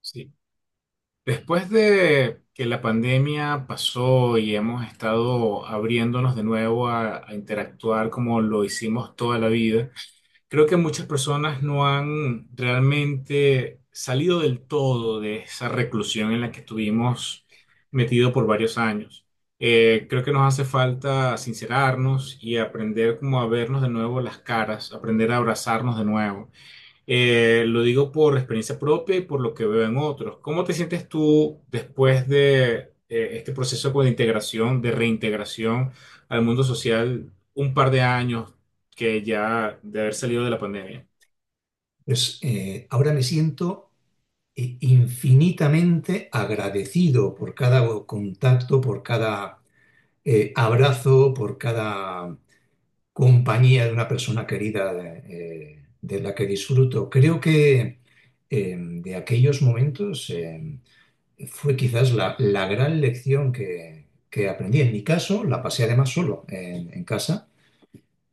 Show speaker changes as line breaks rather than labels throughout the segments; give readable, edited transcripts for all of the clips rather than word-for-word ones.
Sí. Después de que la pandemia pasó y hemos estado abriéndonos de nuevo a interactuar como lo hicimos toda la vida, creo que muchas personas no han realmente salido del todo de esa reclusión en la que estuvimos metidos por varios años. Creo que nos hace falta sincerarnos y aprender como a vernos de nuevo las caras, aprender a abrazarnos de nuevo. Lo digo por experiencia propia y por lo que veo en otros. ¿Cómo te sientes tú después de este proceso como de integración, de reintegración al mundo social, un par de años que ya de haber salido de la pandemia?
Pues ahora me siento infinitamente agradecido por cada contacto, por cada abrazo, por cada compañía de una persona querida de la que disfruto. Creo que de aquellos momentos fue quizás la gran lección que aprendí. En mi caso, la pasé además solo en casa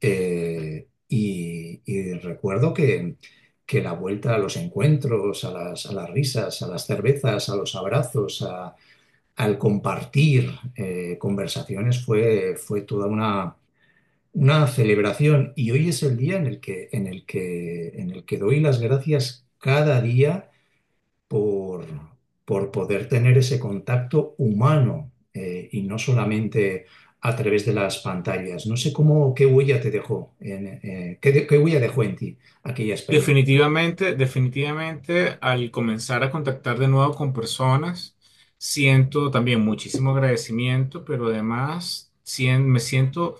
y recuerdo que la vuelta a los encuentros, a las risas, a las cervezas, a los al compartir conversaciones fue toda una celebración. Y hoy es el día en en el que doy las gracias cada día por, por poder tener ese contacto humano y no solamente a través de las pantallas. No sé qué huella te dejó, en, qué, de- qué huella dejó en ti aquella experiencia.
Definitivamente, definitivamente, al comenzar a contactar de nuevo con personas, siento también muchísimo agradecimiento, pero además me siento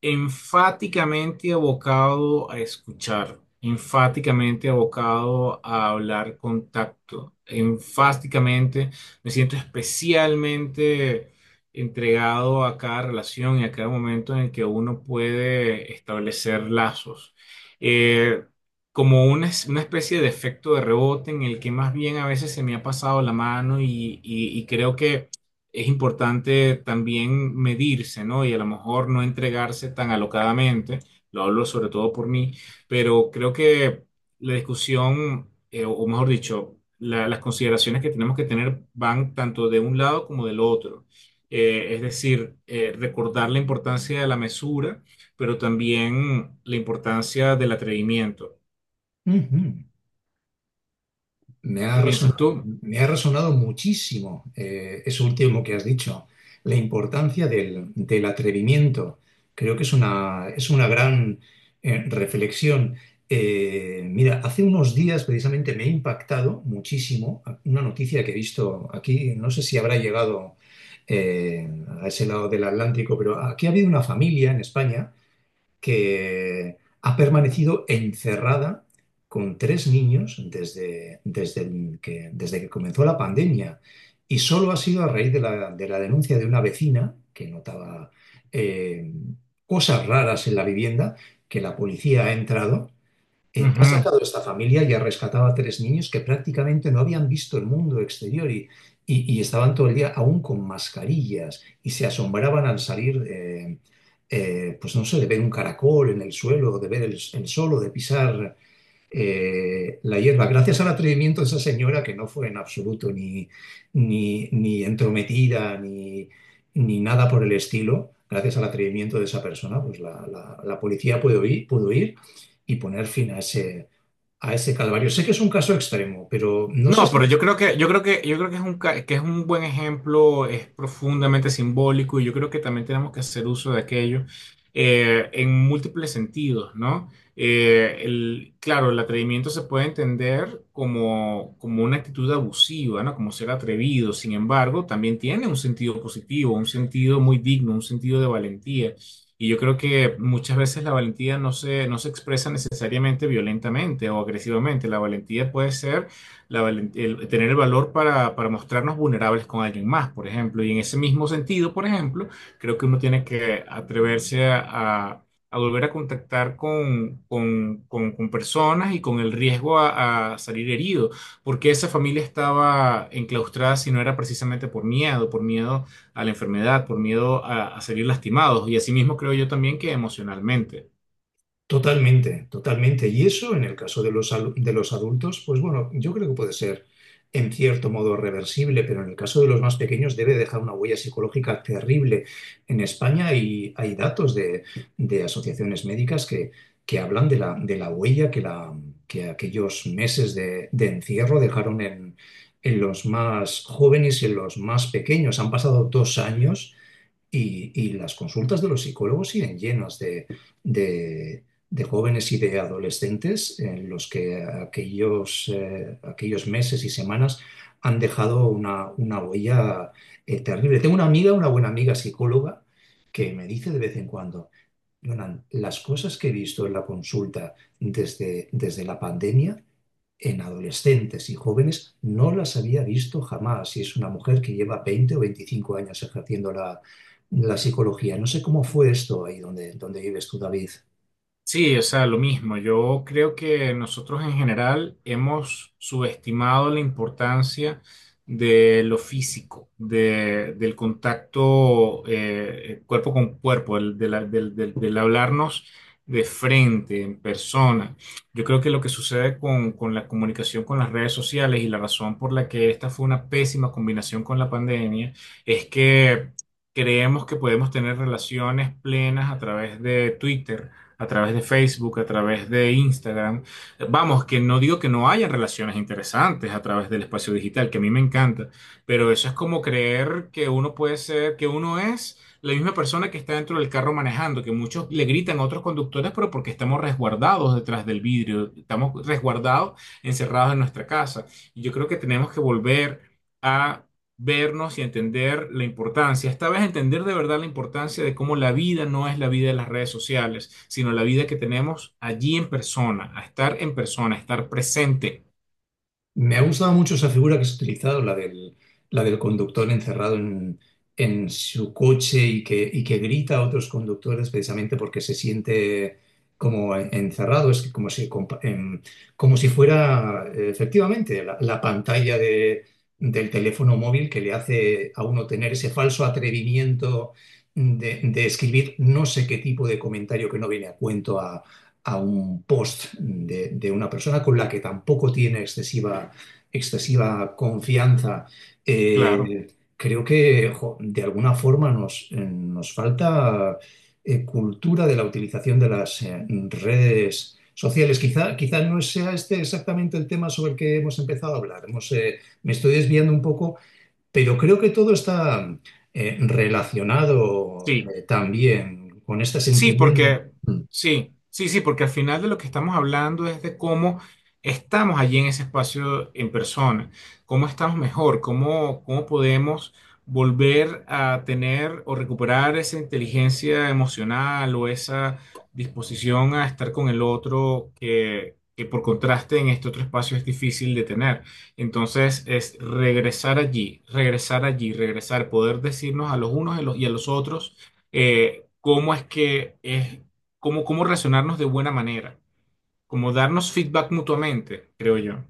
enfáticamente abocado a escuchar, enfáticamente abocado a hablar con tacto, enfáticamente me siento especialmente entregado a cada relación y a cada momento en el que uno puede establecer lazos. Eh, Como una, una especie de efecto de rebote en el que más bien a veces se me ha pasado la mano y, y creo que es importante también medirse, ¿no? Y a lo mejor no entregarse tan alocadamente, lo hablo sobre todo por mí, pero creo que la discusión, o mejor dicho, las consideraciones que tenemos que tener van tanto de un lado como del otro. Es decir, recordar la importancia de la mesura, pero también la importancia del atrevimiento.
Ujú.
¿Qué piensas tú?
Me ha resonado muchísimo eso último que has dicho, la importancia del atrevimiento. Creo que es es una gran reflexión. Mira, hace unos días precisamente me ha impactado muchísimo una noticia que he visto aquí. No sé si habrá llegado eh, a ese lado del Atlántico, pero aquí ha habido una familia en España que ha permanecido encerrada con tres niños desde que comenzó la pandemia. Y solo ha sido a raíz de de la denuncia de una vecina que notaba eh, cosas raras en la vivienda que la policía ha entrado, ha
Ujú.
sacado esta familia y ha rescatado a tres niños que prácticamente no habían visto el mundo exterior y estaban todo el día aún con mascarillas y se asombraban al salir, pues no sé, de ver un caracol en el suelo, de ver el sol o de pisar la hierba, gracias al atrevimiento de esa señora que no fue en absoluto ni entrometida ni nada por el estilo, gracias al atrevimiento de esa persona, pues la policía pudo ir y poner fin a a ese calvario. Sé que es un caso extremo, pero no sé
No,
si
pero yo creo que es que es un buen ejemplo, es profundamente simbólico y yo creo que también tenemos que hacer uso de aquello en múltiples sentidos, ¿no? Claro, el atrevimiento se puede entender como, como una actitud abusiva, ¿no? Como ser atrevido, sin embargo, también tiene un sentido positivo, un sentido muy digno, un sentido de valentía. Y yo creo que muchas veces la valentía no se expresa necesariamente violentamente o agresivamente, la valentía puede ser tener el valor para mostrarnos vulnerables con alguien más, por ejemplo. Y en ese mismo sentido, por ejemplo, creo que uno tiene que atreverse a volver a contactar con personas y con el riesgo a salir herido, porque esa familia estaba enclaustrada si no era precisamente por miedo a la enfermedad, por miedo a salir lastimados. Y asimismo creo yo también que emocionalmente.
totalmente, totalmente. Y eso en el caso de de los adultos, pues bueno, yo creo que puede ser en cierto modo reversible, pero en el caso de los más pequeños debe dejar una huella psicológica terrible. En España hay datos de asociaciones médicas que hablan de de la huella que aquellos meses de encierro dejaron en los más jóvenes y en los más pequeños. Han pasado dos años y las consultas de los psicólogos siguen llenas de- de jóvenes y de adolescentes en los que aquellos meses y semanas han dejado una huella terrible. Tengo una amiga, una buena amiga psicóloga, que me dice de vez en cuando, Jonan, las cosas que he visto en la consulta desde la pandemia en adolescentes y jóvenes no las había visto jamás. Y es una mujer que lleva 20 o 25 años ejerciendo la psicología. No sé cómo fue esto ahí donde vives tú, David.
Sí, o sea, lo mismo. Yo creo que nosotros en general hemos subestimado la importancia de lo físico, del contacto cuerpo con cuerpo, el- de la- del, del- del hablarnos de frente, en persona. Yo creo que lo que sucede con la comunicación con las redes sociales y la razón por la que esta fue una pésima combinación con la pandemia es que creemos que podemos tener relaciones plenas a través de Twitter, a través de Facebook, a través de Instagram. Vamos, que no digo que no haya relaciones interesantes a través del espacio digital, que a mí me encanta, pero eso es como creer que uno puede ser, que uno es la misma persona que está dentro del carro manejando, que muchos le gritan a otros conductores, pero porque estamos resguardados detrás del vidrio, estamos resguardados, encerrados en nuestra casa. Y yo creo que tenemos que volver a vernos y entender la importancia, esta vez entender de verdad la importancia de cómo la vida no es la vida de las redes sociales, sino la vida que tenemos allí en persona, a estar en persona, a estar presente.
Me ha gustado mucho esa figura que has utilizado, la del conductor encerrado en su coche y que grita a otros conductores precisamente porque se siente como encerrado, es que como como si fuera efectivamente la pantalla del teléfono móvil que le hace a uno tener ese falso atrevimiento de escribir no sé qué tipo de comentario que no viene a cuento a un post de una persona con la que tampoco tiene excesiva, excesiva confianza.
Claro,
eh, Creo que jo, de alguna forma nos falta cultura de la utilización de las redes sociales. Quizá, quizá no sea este exactamente el tema sobre el que hemos empezado a hablar. Me estoy desviando un poco, pero creo que todo está relacionado,
sí.
también con este
Sí,
sentimiento.
porque sí, porque al final de lo que estamos hablando es de cómo estamos allí en ese espacio en persona, cómo estamos mejor, cómo, cómo podemos volver a tener o recuperar esa inteligencia emocional o esa disposición a estar con el otro que por contraste en este otro espacio es difícil de tener. Entonces es regresar allí, regresar allí, regresar, poder decirnos a los unos y a los otros cómo es que es, cómo, cómo relacionarnos de buena manera, cómo darnos feedback mutuamente, creo yo.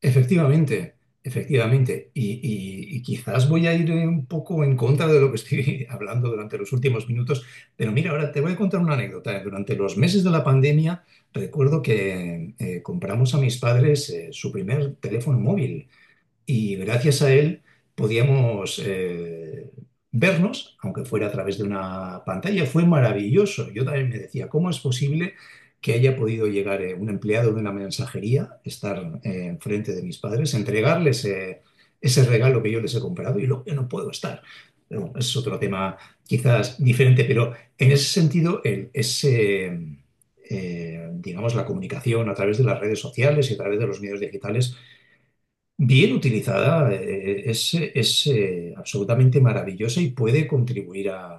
Efectivamente, efectivamente. Y quizás voy a ir un poco en contra de lo que estoy hablando durante los últimos minutos, pero mira, ahora te voy a contar una anécdota. Durante los meses de la pandemia, recuerdo que compramos a mis padres su primer teléfono móvil y gracias a él podíamos vernos, aunque fuera a través de una pantalla. Fue maravilloso. Yo también me decía, ¿cómo es posible que haya podido llegar un empleado de una mensajería, estar enfrente de mis padres, entregarles ese regalo que yo les he comprado y luego yo no puedo estar? Pero bueno, es otro tema quizás diferente, pero en ese sentido, digamos, la comunicación a través de las redes sociales y a través de los medios digitales bien utilizada, es, es absolutamente maravillosa y puede contribuir a,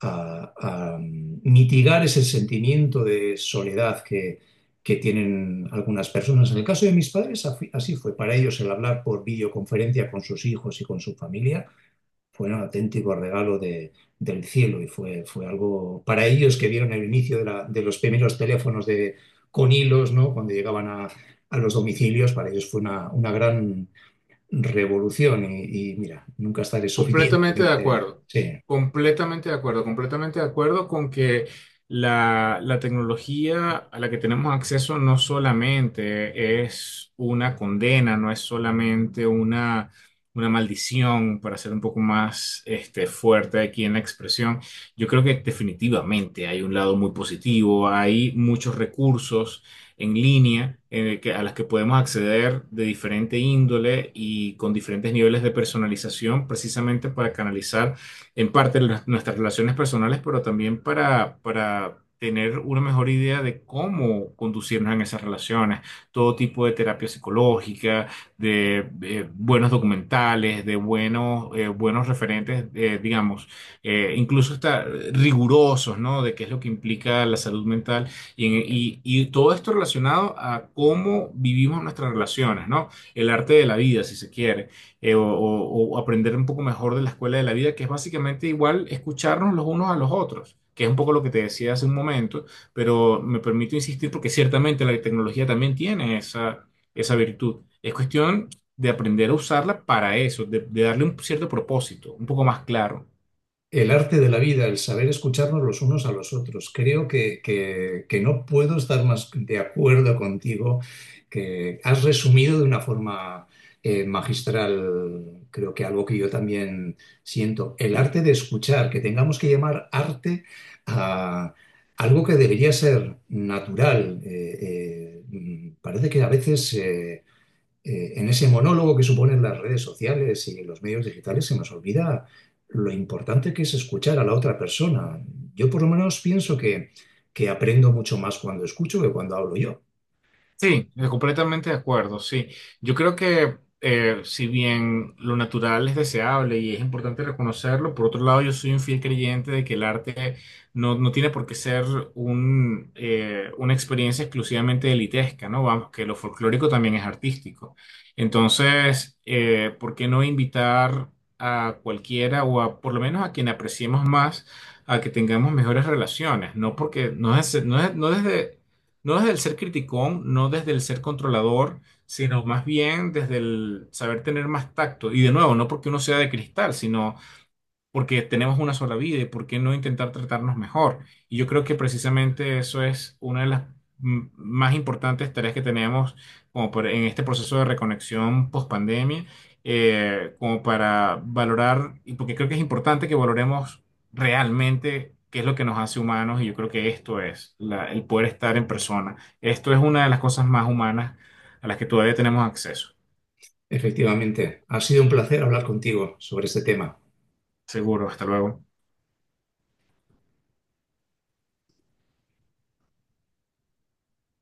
a- a mm, mitigar ese sentimiento de soledad que tienen algunas personas. En el caso de mis padres, así fue. Para ellos el hablar por videoconferencia con sus hijos y con su familia fue un auténtico regalo del cielo y fue algo para ellos que vieron el inicio de los primeros teléfonos de, con hilos, ¿no? Cuando llegaban a los domicilios, para ellos fue una gran revolución mira, nunca estaré
Completamente de
suficientemente.
acuerdo,
Sí.
completamente de acuerdo, completamente de acuerdo con que la tecnología a la que tenemos acceso no solamente es una condena, no es solamente una maldición, para ser un poco más este, fuerte aquí en la expresión. Yo creo que definitivamente hay un lado muy positivo, hay muchos recursos en línea a las que podemos acceder de diferente índole y con diferentes niveles de personalización, precisamente para canalizar en parte nuestras relaciones personales, pero también para tener una mejor idea de cómo conducirnos en esas relaciones, todo tipo de terapia psicológica, de buenos documentales, de buenos, buenos referentes, digamos, incluso hasta rigurosos, ¿no? De qué es lo que implica la salud mental y todo esto relacionado a cómo vivimos nuestras relaciones, ¿no? El arte de la vida, si se quiere, o, o aprender un poco mejor de la escuela de la vida, que es básicamente igual escucharnos los unos a los otros, que es un poco lo que te decía hace un momento, pero me permito insistir porque ciertamente la tecnología también tiene esa, esa virtud. Es cuestión de aprender a usarla para eso, de darle un cierto propósito, un poco más claro.
El arte de la vida, el saber escucharnos los unos a los otros. Creo que no puedo estar más de acuerdo contigo, que has resumido de una forma magistral, creo que algo que yo también siento. El arte de escuchar, que tengamos que llamar arte a algo que debería ser natural. Mm, parece que a veces, en ese monólogo que suponen las redes sociales y los medios digitales se nos olvida lo importante que es escuchar a la otra persona. Yo por lo menos pienso que aprendo mucho más cuando escucho que cuando hablo yo.
Sí, completamente de acuerdo, sí. Yo creo que si bien lo natural es deseable y es importante reconocerlo, por otro lado yo soy un fiel creyente de que el arte no tiene por qué ser un, una experiencia exclusivamente elitesca, ¿no? Vamos, que lo folclórico también es artístico. Entonces, ¿por qué no invitar a cualquiera o a, por lo menos a quien apreciemos más a que tengamos mejores relaciones? No porque no desde, no desde el ser criticón, no desde el ser controlador, sino más bien desde el saber tener más tacto. Y de nuevo, no porque uno sea de cristal, sino porque tenemos una sola vida y por qué no intentar tratarnos mejor. Y yo creo que precisamente eso es una de las más importantes tareas que tenemos en este proceso de reconexión post pandemia, como para valorar, y porque creo que es importante que valoremos realmente qué es lo que nos hace humanos, y yo creo que esto es el poder estar en persona. Esto es una de las cosas más humanas a las que todavía tenemos acceso.
Efectivamente, ha sido un placer hablar contigo sobre este tema.
Seguro, hasta luego.